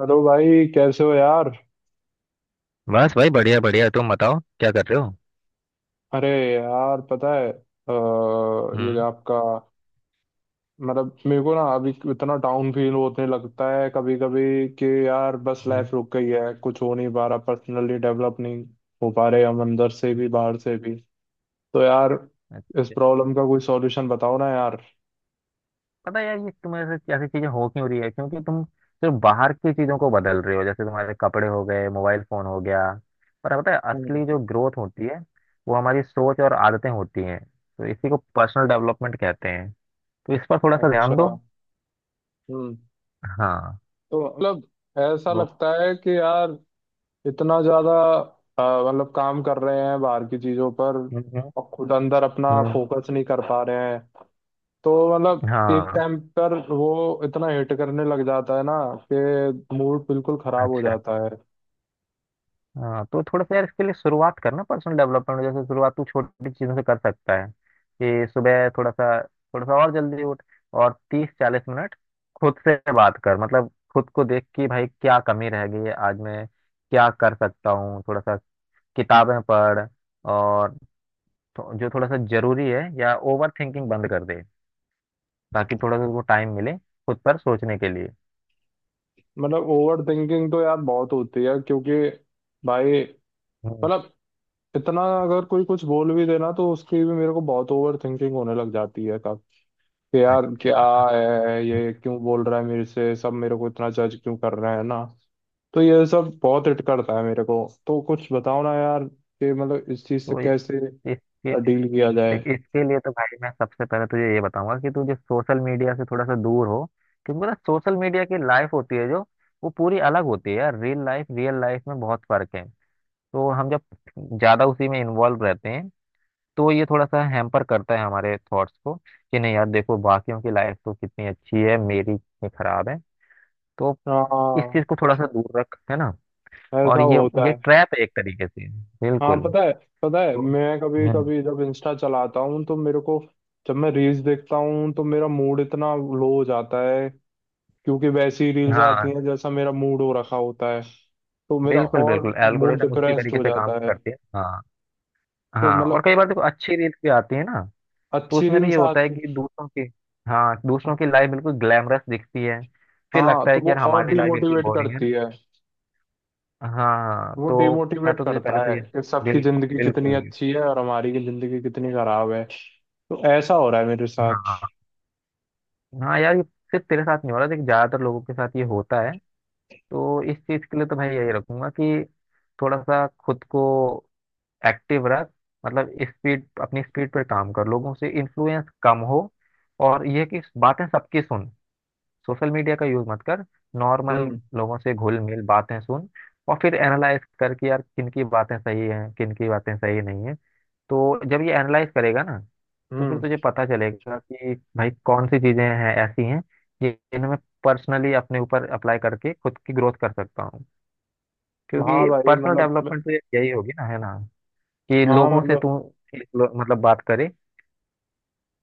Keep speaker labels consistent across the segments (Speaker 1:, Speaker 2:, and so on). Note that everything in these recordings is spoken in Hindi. Speaker 1: हेलो भाई, कैसे हो यार।
Speaker 2: बस भाई बढ़िया बढ़िया तुम बताओ क्या कर रहे हो।
Speaker 1: अरे यार, पता है ये
Speaker 2: हम्म
Speaker 1: आपका। मतलब मेरे को ना अभी इतना डाउन फील होने लगता है कभी कभी कि यार बस
Speaker 2: हम्म,
Speaker 1: लाइफ रुक गई है, कुछ हो नहीं पा रहा, पर्सनली डेवलप नहीं हो पा रहे हम, अंदर से भी बाहर से भी। तो यार, इस
Speaker 2: अच्छा।
Speaker 1: प्रॉब्लम का कोई सॉल्यूशन बताओ ना यार।
Speaker 2: पता है यार, ये तुम्हारे साथ ऐसी चीजें हो क्यों रही है? क्योंकि तुम सिर्फ बाहर की चीजों को बदल रहे हो। जैसे तुम्हारे कपड़े हो गए, मोबाइल फोन हो गया। पर पता है,
Speaker 1: हम्म।
Speaker 2: असली जो ग्रोथ होती है वो हमारी सोच और आदतें होती हैं। तो इसी को पर्सनल डेवलपमेंट कहते हैं। तो इस पर थोड़ा सा ध्यान
Speaker 1: अच्छा।
Speaker 2: दो।
Speaker 1: हम्म।
Speaker 2: हाँ।
Speaker 1: तो मतलब ऐसा
Speaker 2: वो
Speaker 1: लगता है कि यार इतना ज्यादा अ, मतलब काम कर रहे हैं बाहर की चीजों पर
Speaker 2: हम्म हम्म,
Speaker 1: और खुद अंदर अपना
Speaker 2: हम्म,
Speaker 1: फोकस नहीं कर पा रहे हैं। तो मतलब एक
Speaker 2: हाँ।
Speaker 1: टाइम पर वो इतना हिट करने लग जाता है ना कि मूड बिल्कुल खराब हो
Speaker 2: अच्छा।
Speaker 1: जाता है।
Speaker 2: हाँ, तो थोड़ा सा यार, इसके लिए शुरुआत करना पर्सनल डेवलपमेंट। जैसे शुरुआत तू छोटी चीजों से कर सकता है कि सुबह थोड़ा सा और जल्दी उठ, और तीस चालीस मिनट खुद से बात कर। मतलब खुद को देख कि भाई क्या कमी रह गई है, आज मैं क्या कर सकता हूँ। थोड़ा सा किताबें पढ़, और जो थोड़ा सा जरूरी है, या ओवर थिंकिंग बंद कर दे, ताकि थोड़ा सा वो टाइम मिले खुद पर सोचने के लिए।
Speaker 1: मतलब ओवर थिंकिंग तो यार बहुत होती है, क्योंकि भाई,
Speaker 2: हम्म,
Speaker 1: मतलब इतना अगर कोई कुछ बोल भी देना तो उसकी भी मेरे को बहुत ओवर थिंकिंग होने लग जाती है कि यार क्या
Speaker 2: अच्छा।
Speaker 1: है, ये क्यों बोल रहा है मेरे से, सब मेरे को इतना जज क्यों कर रहे हैं ना। तो ये सब बहुत हिट करता है मेरे को। तो कुछ बताओ ना यार कि मतलब इस चीज से
Speaker 2: तो इस-
Speaker 1: कैसे
Speaker 2: इसके लिए
Speaker 1: डील किया जाए।
Speaker 2: देख, इसके लिए तो भाई मैं सबसे पहले तुझे ये बताऊंगा कि तुझे सोशल मीडिया से थोड़ा सा दूर हो। क्योंकि पता, सोशल मीडिया की लाइफ होती है जो, वो पूरी अलग होती है यार। रियल लाइफ में बहुत फर्क है। तो हम जब ज्यादा उसी में इन्वॉल्व रहते हैं, तो ये थोड़ा सा हैम्पर करता है हमारे थॉट्स को कि नहीं यार, देखो बाकियों की लाइफ तो कितनी अच्छी है, मेरी कितनी खराब है। तो इस
Speaker 1: हाँ,
Speaker 2: चीज को थोड़ा सा दूर रख, है ना। और
Speaker 1: ऐसा होता
Speaker 2: ये
Speaker 1: है।
Speaker 2: ट्रैप है एक तरीके से,
Speaker 1: हाँ,
Speaker 2: बिल्कुल।
Speaker 1: पता है। पता है,
Speaker 2: तो
Speaker 1: मैं कभी
Speaker 2: हम्म
Speaker 1: कभी जब इंस्टा चलाता हूँ तो मेरे को, जब मैं रील्स देखता हूँ तो मेरा मूड इतना लो हो जाता है क्योंकि वैसी रील्स आती
Speaker 2: हाँ।
Speaker 1: हैं जैसा मेरा मूड हो रखा होता है। तो मेरा
Speaker 2: बिल्कुल
Speaker 1: और
Speaker 2: बिल्कुल,
Speaker 1: मूड
Speaker 2: एल्गोरिदम उसी
Speaker 1: डिप्रेस्ड
Speaker 2: तरीके
Speaker 1: हो
Speaker 2: से काम
Speaker 1: जाता है।
Speaker 2: करती है, हाँ।
Speaker 1: तो
Speaker 2: हाँ, और
Speaker 1: मतलब
Speaker 2: कई बार देखो अच्छी रील्स भी आती है ना। तो
Speaker 1: अच्छी
Speaker 2: उसमें भी ये
Speaker 1: रील्स
Speaker 2: होता है
Speaker 1: आती।
Speaker 2: कि दूसरों की, हाँ, दूसरों की लाइफ बिल्कुल ग्लैमरस दिखती है। फिर
Speaker 1: हाँ,
Speaker 2: लगता
Speaker 1: तो
Speaker 2: है कि
Speaker 1: वो
Speaker 2: यार
Speaker 1: और
Speaker 2: हमारी लाइफ बिल्कुल
Speaker 1: डिमोटिवेट
Speaker 2: बोरिंग है ना।
Speaker 1: करती है।
Speaker 2: हाँ
Speaker 1: वो
Speaker 2: तो मैं
Speaker 1: डिमोटिवेट
Speaker 2: तो तुझे पहले
Speaker 1: करता
Speaker 2: तो
Speaker 1: है
Speaker 2: ये
Speaker 1: कि सबकी
Speaker 2: बिल्कुल
Speaker 1: जिंदगी कितनी
Speaker 2: बिल्कुल बिल्कुल,
Speaker 1: अच्छी है और हमारी की जिंदगी कितनी खराब है। तो ऐसा हो रहा है मेरे साथ।
Speaker 2: हाँ। हाँ यार, ये सिर्फ तेरे साथ नहीं हो रहा। देखिए ज्यादातर लोगों के साथ ये होता है। तो इस चीज के लिए तो भाई यही रखूंगा कि थोड़ा सा खुद को एक्टिव रख। मतलब स्पीड, अपनी स्पीड पर काम कर, लोगों से इन्फ्लुएंस कम हो। और यह कि बातें सबकी सुन, सोशल मीडिया का यूज मत कर। नॉर्मल
Speaker 1: हम्म।
Speaker 2: लोगों से घुल मिल, बातें सुन, और फिर एनालाइज कर कि यार किन की बातें सही हैं, किन की बातें सही नहीं है। तो जब ये एनालाइज करेगा ना, तो फिर
Speaker 1: हम्म।
Speaker 2: तुझे पता चलेगा कि भाई कौन सी चीजें हैं ऐसी हैं जिन्हें मैं पर्सनली अपने ऊपर अप्लाई करके खुद की ग्रोथ कर सकता हूँ।
Speaker 1: हाँ
Speaker 2: क्योंकि
Speaker 1: भाई,
Speaker 2: पर्सनल
Speaker 1: मतलब
Speaker 2: डेवलपमेंट तो यही होगी ना, है ना। कि
Speaker 1: हाँ
Speaker 2: लोगों से
Speaker 1: मतलब
Speaker 2: तू मतलब बात करे,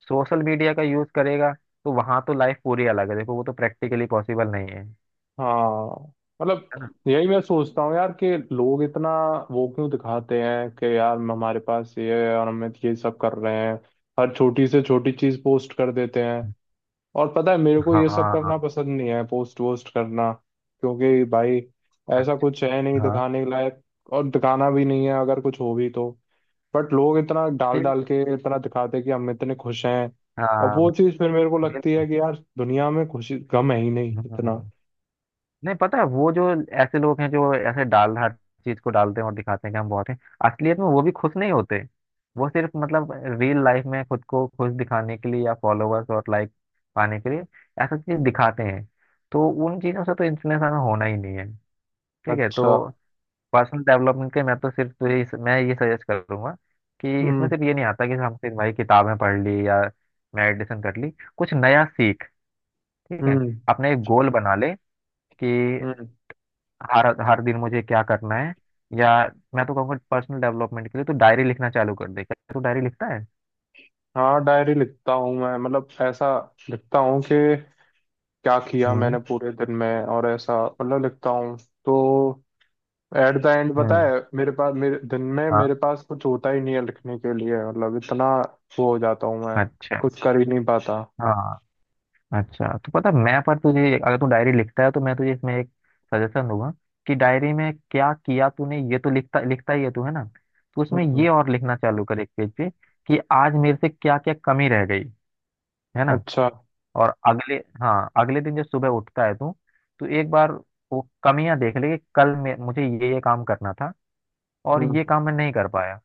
Speaker 2: सोशल मीडिया का यूज करेगा तो वहां तो लाइफ पूरी अलग है। देखो वो तो प्रैक्टिकली पॉसिबल नहीं है,
Speaker 1: हाँ
Speaker 2: है ना।
Speaker 1: मतलब यही मैं सोचता हूँ यार कि लोग इतना वो क्यों दिखाते हैं कि यार हमारे पास ये है और हम ये सब कर रहे हैं। हर छोटी से छोटी चीज पोस्ट कर देते हैं। और पता है, मेरे को ये सब
Speaker 2: हाँ
Speaker 1: करना पसंद नहीं है, पोस्ट वोस्ट करना। क्योंकि भाई, ऐसा कुछ है नहीं
Speaker 2: हाँ
Speaker 1: दिखाने के लायक। और दिखाना भी नहीं है अगर कुछ हो भी तो। बट लोग इतना डाल डाल
Speaker 2: बिल्कुल।
Speaker 1: के इतना दिखाते कि हम इतने खुश हैं। और
Speaker 2: हाँ
Speaker 1: वो चीज़ फिर मेरे को लगती
Speaker 2: बिल्कुल।
Speaker 1: है कि यार दुनिया में खुशी गम है ही नहीं इतना।
Speaker 2: हम्म। नहीं, पता है वो जो ऐसे लोग हैं जो ऐसे डाल हर चीज को डालते हैं और दिखाते हैं कि हम बहुत हैं, असलियत में वो भी खुश नहीं होते। वो सिर्फ मतलब रियल लाइफ में खुद को खुश दिखाने के लिए, या फॉलोअर्स और लाइक पाने के लिए ऐसा चीज दिखाते हैं। तो उन चीजों से तो इन्फ्लुएंस हमें होना ही नहीं है। ठीक है।
Speaker 1: अच्छा।
Speaker 2: तो पर्सनल डेवलपमेंट के मैं तो सिर्फ तुझे मैं ये सजेस्ट करूंगा कि इसमें
Speaker 1: हम्म।
Speaker 2: सिर्फ ये नहीं आता कि हम सिर्फ भाई किताबें पढ़ ली, या मेडिटेशन कर ली। कुछ नया सीख, ठीक है।
Speaker 1: हम्म।
Speaker 2: अपने एक गोल बना ले कि
Speaker 1: हम्म।
Speaker 2: हर हर दिन मुझे क्या करना है। या मैं तो कहूँगा पर्सनल डेवलपमेंट के लिए तो डायरी लिखना चालू कर दे। क्या तू डायरी लिखता है?
Speaker 1: हाँ, डायरी लिखता हूँ मैं, मतलब ऐसा लिखता हूँ कि क्या किया मैंने
Speaker 2: हम्म
Speaker 1: पूरे दिन में, और ऐसा मतलब लिखता हूँ। तो एट द एंड पता
Speaker 2: हम्म
Speaker 1: है, मेरे पास, मेरे दिन में
Speaker 2: हाँ।
Speaker 1: मेरे पास कुछ होता ही नहीं है लिखने के लिए, मतलब इतना वो हो जाता हूँ मैं।
Speaker 2: अच्छा।
Speaker 1: कुछ कर ही नहीं पाता।
Speaker 2: हाँ अच्छा, तो पता है, मैं पर तुझे, अगर तू डायरी लिखता है तो मैं तुझे इसमें एक सजेशन दूंगा कि डायरी में क्या किया तूने, ये तो लिखता लिखता ही है तू, है ना। तो उसमें
Speaker 1: हम्म।
Speaker 2: ये और लिखना चालू कर एक पेज पे कि आज मेरे से क्या क्या कमी रह गई, है ना।
Speaker 1: अच्छा।
Speaker 2: और अगले, हाँ अगले दिन जब सुबह उठता है तू, तो एक बार वो कमियां देख ले कि कल मैं मुझे ये काम करना था और
Speaker 1: हम्म।
Speaker 2: ये काम मैं नहीं कर पाया।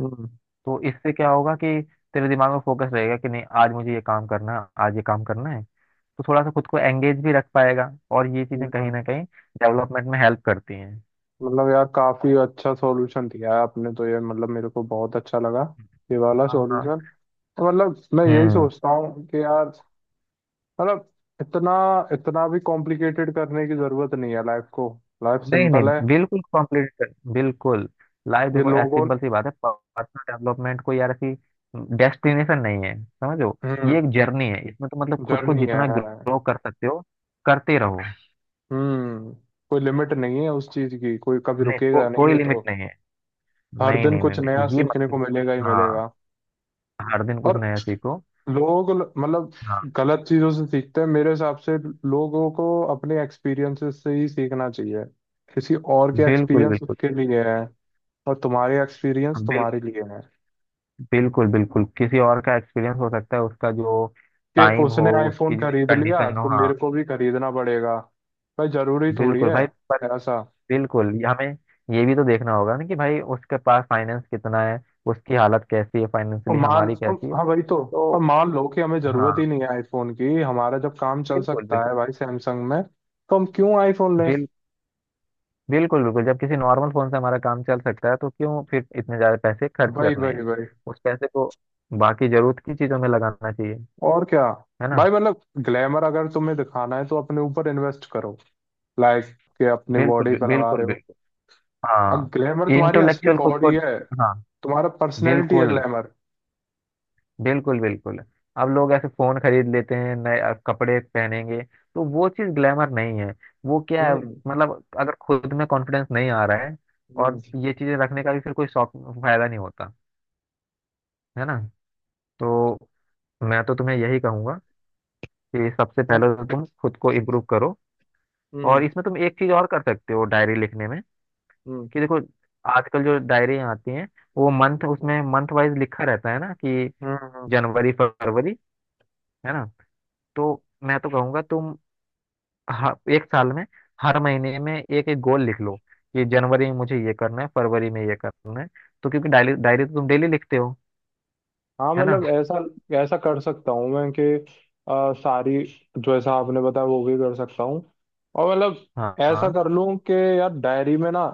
Speaker 1: हम्म।
Speaker 2: तो इससे क्या होगा कि तेरे दिमाग में फोकस रहेगा कि नहीं आज मुझे ये काम करना है, आज ये काम करना है। तो थोड़ा सा खुद को एंगेज भी रख पाएगा, और ये चीजें कहीं
Speaker 1: हम्म।
Speaker 2: ना कहीं डेवलपमेंट में हेल्प करती हैं।
Speaker 1: मतलब यार काफी अच्छा सॉल्यूशन दिया है आपने तो, ये मतलब मेरे को बहुत अच्छा लगा ये वाला
Speaker 2: हाँ हाँ
Speaker 1: सॉल्यूशन। मतलब मैं यही
Speaker 2: हम्म।
Speaker 1: सोचता हूँ कि यार, मतलब इतना इतना भी कॉम्प्लिकेटेड करने की जरूरत नहीं है लाइफ को। लाइफ
Speaker 2: नहीं
Speaker 1: सिंपल
Speaker 2: नहीं,
Speaker 1: है।
Speaker 2: बिल्कुल कंप्लीट कर बिल्कुल। लाइफ
Speaker 1: ये
Speaker 2: देखो ऐसी
Speaker 1: लोगों।
Speaker 2: सिंपल सी बात है। पर्सनल डेवलपमेंट कोई यार ऐसी डेस्टिनेशन नहीं है, समझो। ये
Speaker 1: हम्म।
Speaker 2: एक जर्नी है, इसमें तो मतलब खुद को
Speaker 1: जर्नी है।
Speaker 2: जितना ग्रो कर सकते हो करते रहो।
Speaker 1: हम्म। कोई लिमिट नहीं है उस चीज की, कोई कभी रुकेगा नहीं
Speaker 2: कोई
Speaker 1: है तो।
Speaker 2: लिमिट नहीं है।
Speaker 1: हर
Speaker 2: नहीं
Speaker 1: दिन
Speaker 2: नहीं नहीं
Speaker 1: कुछ नया
Speaker 2: नहीं ये
Speaker 1: सीखने को
Speaker 2: मतलब
Speaker 1: मिलेगा ही
Speaker 2: हाँ,
Speaker 1: मिलेगा।
Speaker 2: हर दिन कुछ
Speaker 1: और
Speaker 2: नया सीखो।
Speaker 1: लोग मतलब
Speaker 2: हाँ
Speaker 1: गलत चीजों से सीखते हैं मेरे हिसाब से। लोगों को अपने एक्सपीरियंसेस से ही सीखना चाहिए। किसी और के
Speaker 2: बिल्कुल
Speaker 1: एक्सपीरियंस
Speaker 2: बिल्कुल
Speaker 1: उसके लिए है। और तुम्हारे एक्सपीरियंस
Speaker 2: बिल्कुल।
Speaker 1: तुम्हारे लिए है।
Speaker 2: बिल्कुल बिल्कुल, किसी और का एक्सपीरियंस हो सकता है, उसका जो
Speaker 1: कि
Speaker 2: टाइम हो,
Speaker 1: उसने
Speaker 2: उसकी
Speaker 1: आईफोन
Speaker 2: जो
Speaker 1: खरीद लिया
Speaker 2: कंडीशन हो।
Speaker 1: तो
Speaker 2: हाँ
Speaker 1: मेरे को भी खरीदना पड़ेगा? भाई, जरूरी थोड़ी
Speaker 2: बिल्कुल
Speaker 1: है
Speaker 2: भाई। पर
Speaker 1: ऐसा।
Speaker 2: बिल्कुल, ये हमें ये भी तो देखना होगा ना कि भाई उसके पास फाइनेंस कितना है, उसकी हालत कैसी है
Speaker 1: और
Speaker 2: फाइनेंशियली,
Speaker 1: मान
Speaker 2: हमारी कैसी है।
Speaker 1: हाँ, वही तो।
Speaker 2: तो
Speaker 1: और मान लो कि हमें जरूरत
Speaker 2: हाँ
Speaker 1: ही नहीं है आईफोन की, हमारा जब काम चल
Speaker 2: बिल्कुल
Speaker 1: सकता
Speaker 2: बिल्कुल।
Speaker 1: है भाई सैमसंग में तो हम क्यों आईफोन लें।
Speaker 2: बिल बिल्कुल बिल्कुल, जब किसी नॉर्मल फोन से हमारा काम चल सकता है तो क्यों फिर इतने ज्यादा पैसे खर्च
Speaker 1: वही
Speaker 2: करने
Speaker 1: वही
Speaker 2: हैं।
Speaker 1: वही।
Speaker 2: उस पैसे को बाकी जरूरत की चीजों में लगाना चाहिए,
Speaker 1: और क्या।
Speaker 2: है ना।
Speaker 1: भाई मतलब, ग्लैमर अगर तुम्हें दिखाना है तो अपने ऊपर इन्वेस्ट करो। लाइक, कि अपनी बॉडी
Speaker 2: बिल्कुल
Speaker 1: पे लगा
Speaker 2: बिल्कुल
Speaker 1: रहे हो।
Speaker 2: बिल्कुल।
Speaker 1: और
Speaker 2: हाँ।
Speaker 1: ग्लैमर तुम्हारी असली
Speaker 2: इंटेलेक्चुअल खुद को,
Speaker 1: बॉडी है।
Speaker 2: हाँ।
Speaker 1: तुम्हारा पर्सनैलिटी है
Speaker 2: बिल्कुल
Speaker 1: ग्लैमर।
Speaker 2: बिल्कुल बिल्कुल। अब लोग ऐसे फोन खरीद लेते हैं नए, कपड़े पहनेंगे, तो वो चीज ग्लैमर नहीं है। वो क्या है
Speaker 1: हम्म।
Speaker 2: मतलब, अगर खुद में कॉन्फिडेंस नहीं आ रहा है
Speaker 1: हम्म।
Speaker 2: और ये चीजें रखने का भी फिर कोई शौक फायदा नहीं होता, है ना। तो मैं तो तुम्हें यही कहूंगा कि सबसे पहले
Speaker 1: हम्म।
Speaker 2: तो तुम खुद को इम्प्रूव करो। और
Speaker 1: हम्म।
Speaker 2: इसमें तुम एक चीज और कर सकते हो डायरी लिखने में। कि देखो, आजकल जो डायरियां आती हैं, वो मंथ,
Speaker 1: हम्म।
Speaker 2: उसमें मंथ वाइज लिखा रहता है ना कि
Speaker 1: हम्म। हम्म।
Speaker 2: जनवरी, फरवरी, है ना। तो मैं तो कहूंगा तुम हर एक साल में, हर महीने में एक एक गोल लिख लो कि जनवरी में मुझे ये करना है, फरवरी में ये करना है। तो क्योंकि डायरी डायरी तो तुम डेली लिखते हो,
Speaker 1: हाँ
Speaker 2: है ना।
Speaker 1: मतलब ऐसा ऐसा कर सकता हूँ मैं कि सारी जो ऐसा आपने बताया वो भी कर सकता हूँ। और मतलब
Speaker 2: हाँ
Speaker 1: ऐसा
Speaker 2: हाँ
Speaker 1: कर लूँ कि यार डायरी में ना,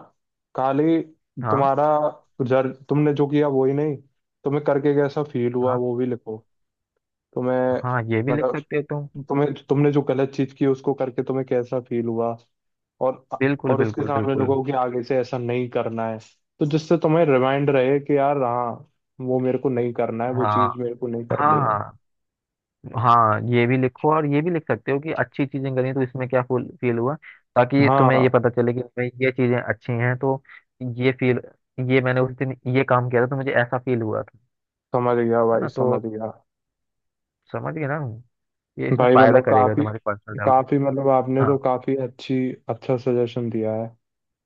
Speaker 1: खाली
Speaker 2: हाँ
Speaker 1: तुम्हारा, जर तुमने जो किया वो ही नहीं, तुम्हें करके कैसा फील हुआ
Speaker 2: हाँ
Speaker 1: वो भी लिखो। तुम्हें
Speaker 2: हाँ, ये भी लिख
Speaker 1: मतलब
Speaker 2: सकते हो तुम।
Speaker 1: तुम्हें तुमने जो गलत चीज की उसको करके तुम्हें कैसा फील हुआ। और
Speaker 2: बिल्कुल
Speaker 1: और उसके
Speaker 2: बिल्कुल
Speaker 1: सामने
Speaker 2: बिल्कुल।
Speaker 1: लोगों कि आगे से ऐसा नहीं करना है। तो जिससे तुम्हें रिमाइंड रहे कि यार हाँ, वो मेरे को नहीं करना है, वो
Speaker 2: हाँ
Speaker 1: चीज मेरे को नहीं करनी है।
Speaker 2: हाँ, हाँ ये भी लिखो, और ये भी लिख सकते हो कि अच्छी चीजें करी तो इसमें क्या फील हुआ, ताकि तुम्हें
Speaker 1: हाँ,
Speaker 2: ये पता चले कि भाई ये चीजें अच्छी हैं। तो ये फील, ये मैंने उस दिन ये काम किया था तो मुझे ऐसा फील हुआ था,
Speaker 1: समझ गया
Speaker 2: है
Speaker 1: भाई,
Speaker 2: ना। तो
Speaker 1: समझ गया।
Speaker 2: समझ गए ना, ये इसमें
Speaker 1: भाई
Speaker 2: फायदा
Speaker 1: मतलब
Speaker 2: करेगा
Speaker 1: काफी,
Speaker 2: तुम्हारे पर्सनल डेवलपमेंट।
Speaker 1: मतलब आपने तो
Speaker 2: हाँ
Speaker 1: काफी अच्छी अच्छा सजेशन दिया है,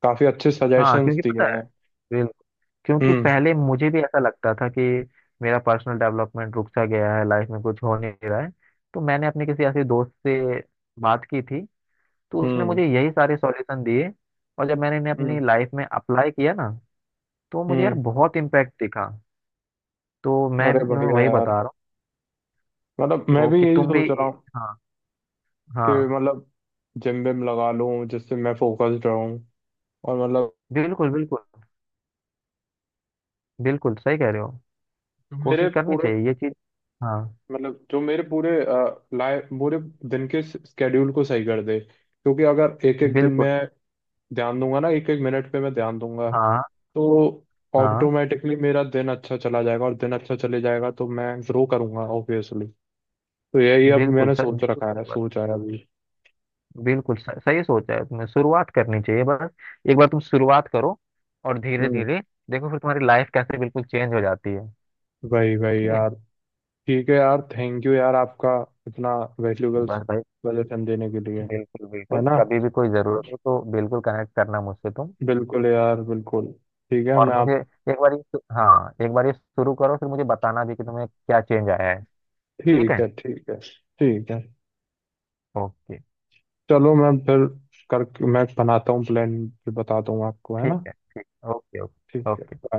Speaker 1: काफी अच्छे
Speaker 2: हाँ,
Speaker 1: सजेशंस
Speaker 2: क्योंकि पता
Speaker 1: दिए
Speaker 2: है,
Speaker 1: हैं।
Speaker 2: बिल्कुल। क्योंकि
Speaker 1: हम्म।
Speaker 2: पहले मुझे भी ऐसा लगता था कि मेरा पर्सनल डेवलपमेंट रुक सा गया है, लाइफ में कुछ हो नहीं रहा है। तो मैंने अपने किसी ऐसे दोस्त से बात की थी, तो उसने
Speaker 1: हम्म।
Speaker 2: मुझे यही सारे सॉल्यूशन दिए। और जब मैंने इन्हें अपनी
Speaker 1: हम्म।
Speaker 2: लाइफ में अप्लाई किया ना, तो मुझे यार
Speaker 1: हम्म।
Speaker 2: बहुत इम्पैक्ट दिखा। तो मैं
Speaker 1: अरे
Speaker 2: भी तुम्हें
Speaker 1: बढ़िया
Speaker 2: वही बता
Speaker 1: यार।
Speaker 2: रहा हूँ।
Speaker 1: मतलब मैं
Speaker 2: तो
Speaker 1: भी
Speaker 2: कि
Speaker 1: यही
Speaker 2: तुम भी
Speaker 1: सोच रहा हूँ
Speaker 2: हाँ
Speaker 1: कि
Speaker 2: हाँ।
Speaker 1: मतलब जिम विम लगा लूं जिससे मैं फोकस्ड रहूं। और मतलब
Speaker 2: बिल्कुल बिल्कुल, बिल्कुल सही कह रहे हो।
Speaker 1: मेरे
Speaker 2: कोशिश करनी
Speaker 1: पूरे
Speaker 2: चाहिए ये चीज। हाँ
Speaker 1: मतलब जो मेरे पूरे लाइफ, पूरे दिन के स्केड्यूल को सही कर दे, क्योंकि अगर एक एक दिन
Speaker 2: बिल्कुल।
Speaker 1: मैं ध्यान दूंगा ना, एक एक मिनट पे मैं ध्यान दूंगा,
Speaker 2: हाँ
Speaker 1: तो
Speaker 2: हाँ,
Speaker 1: ऑटोमेटिकली मेरा दिन अच्छा चला जाएगा, और दिन अच्छा चले जाएगा तो मैं ग्रो करूंगा ऑब्वियसली। तो यही अब
Speaker 2: बिल्कुल
Speaker 1: मैंने
Speaker 2: सही,
Speaker 1: सोच
Speaker 2: बिल्कुल
Speaker 1: रखा है,
Speaker 2: सही बात।
Speaker 1: सोचा है अभी।
Speaker 2: बिल्कुल सही, सही सोचा है तुमने। शुरुआत करनी चाहिए बस, एक बार तुम शुरुआत करो और धीरे
Speaker 1: हम्म।
Speaker 2: धीरे देखो फिर तुम्हारी लाइफ कैसे बिल्कुल चेंज हो जाती है।
Speaker 1: वही वही
Speaker 2: ठीक है।
Speaker 1: यार। ठीक है यार, थैंक यू यार आपका, इतना वैल्यूबल
Speaker 2: बस भाई,
Speaker 1: सजेशन देने के लिए।
Speaker 2: बिल्कुल
Speaker 1: है
Speaker 2: बिल्कुल,
Speaker 1: ना।
Speaker 2: कभी भी कोई जरूरत हो तो बिल्कुल कनेक्ट करना मुझसे तुम।
Speaker 1: बिल्कुल यार, बिल्कुल। ठीक है,
Speaker 2: और
Speaker 1: मैं
Speaker 2: मुझे
Speaker 1: आप।
Speaker 2: एक बार ये हाँ, एक बार ये शुरू करो, फिर मुझे बताना भी कि तुम्हें क्या चेंज आया है। ठीक
Speaker 1: ठीक
Speaker 2: है।
Speaker 1: है, ठीक है। ठीक है।
Speaker 2: ओके।
Speaker 1: चलो, मैं बनाता हूँ प्लान। फिर बताता हूँ आपको, है
Speaker 2: ठीक
Speaker 1: ना।
Speaker 2: है ठीक ओके ओके
Speaker 1: ठीक है।
Speaker 2: ओके।
Speaker 1: bye.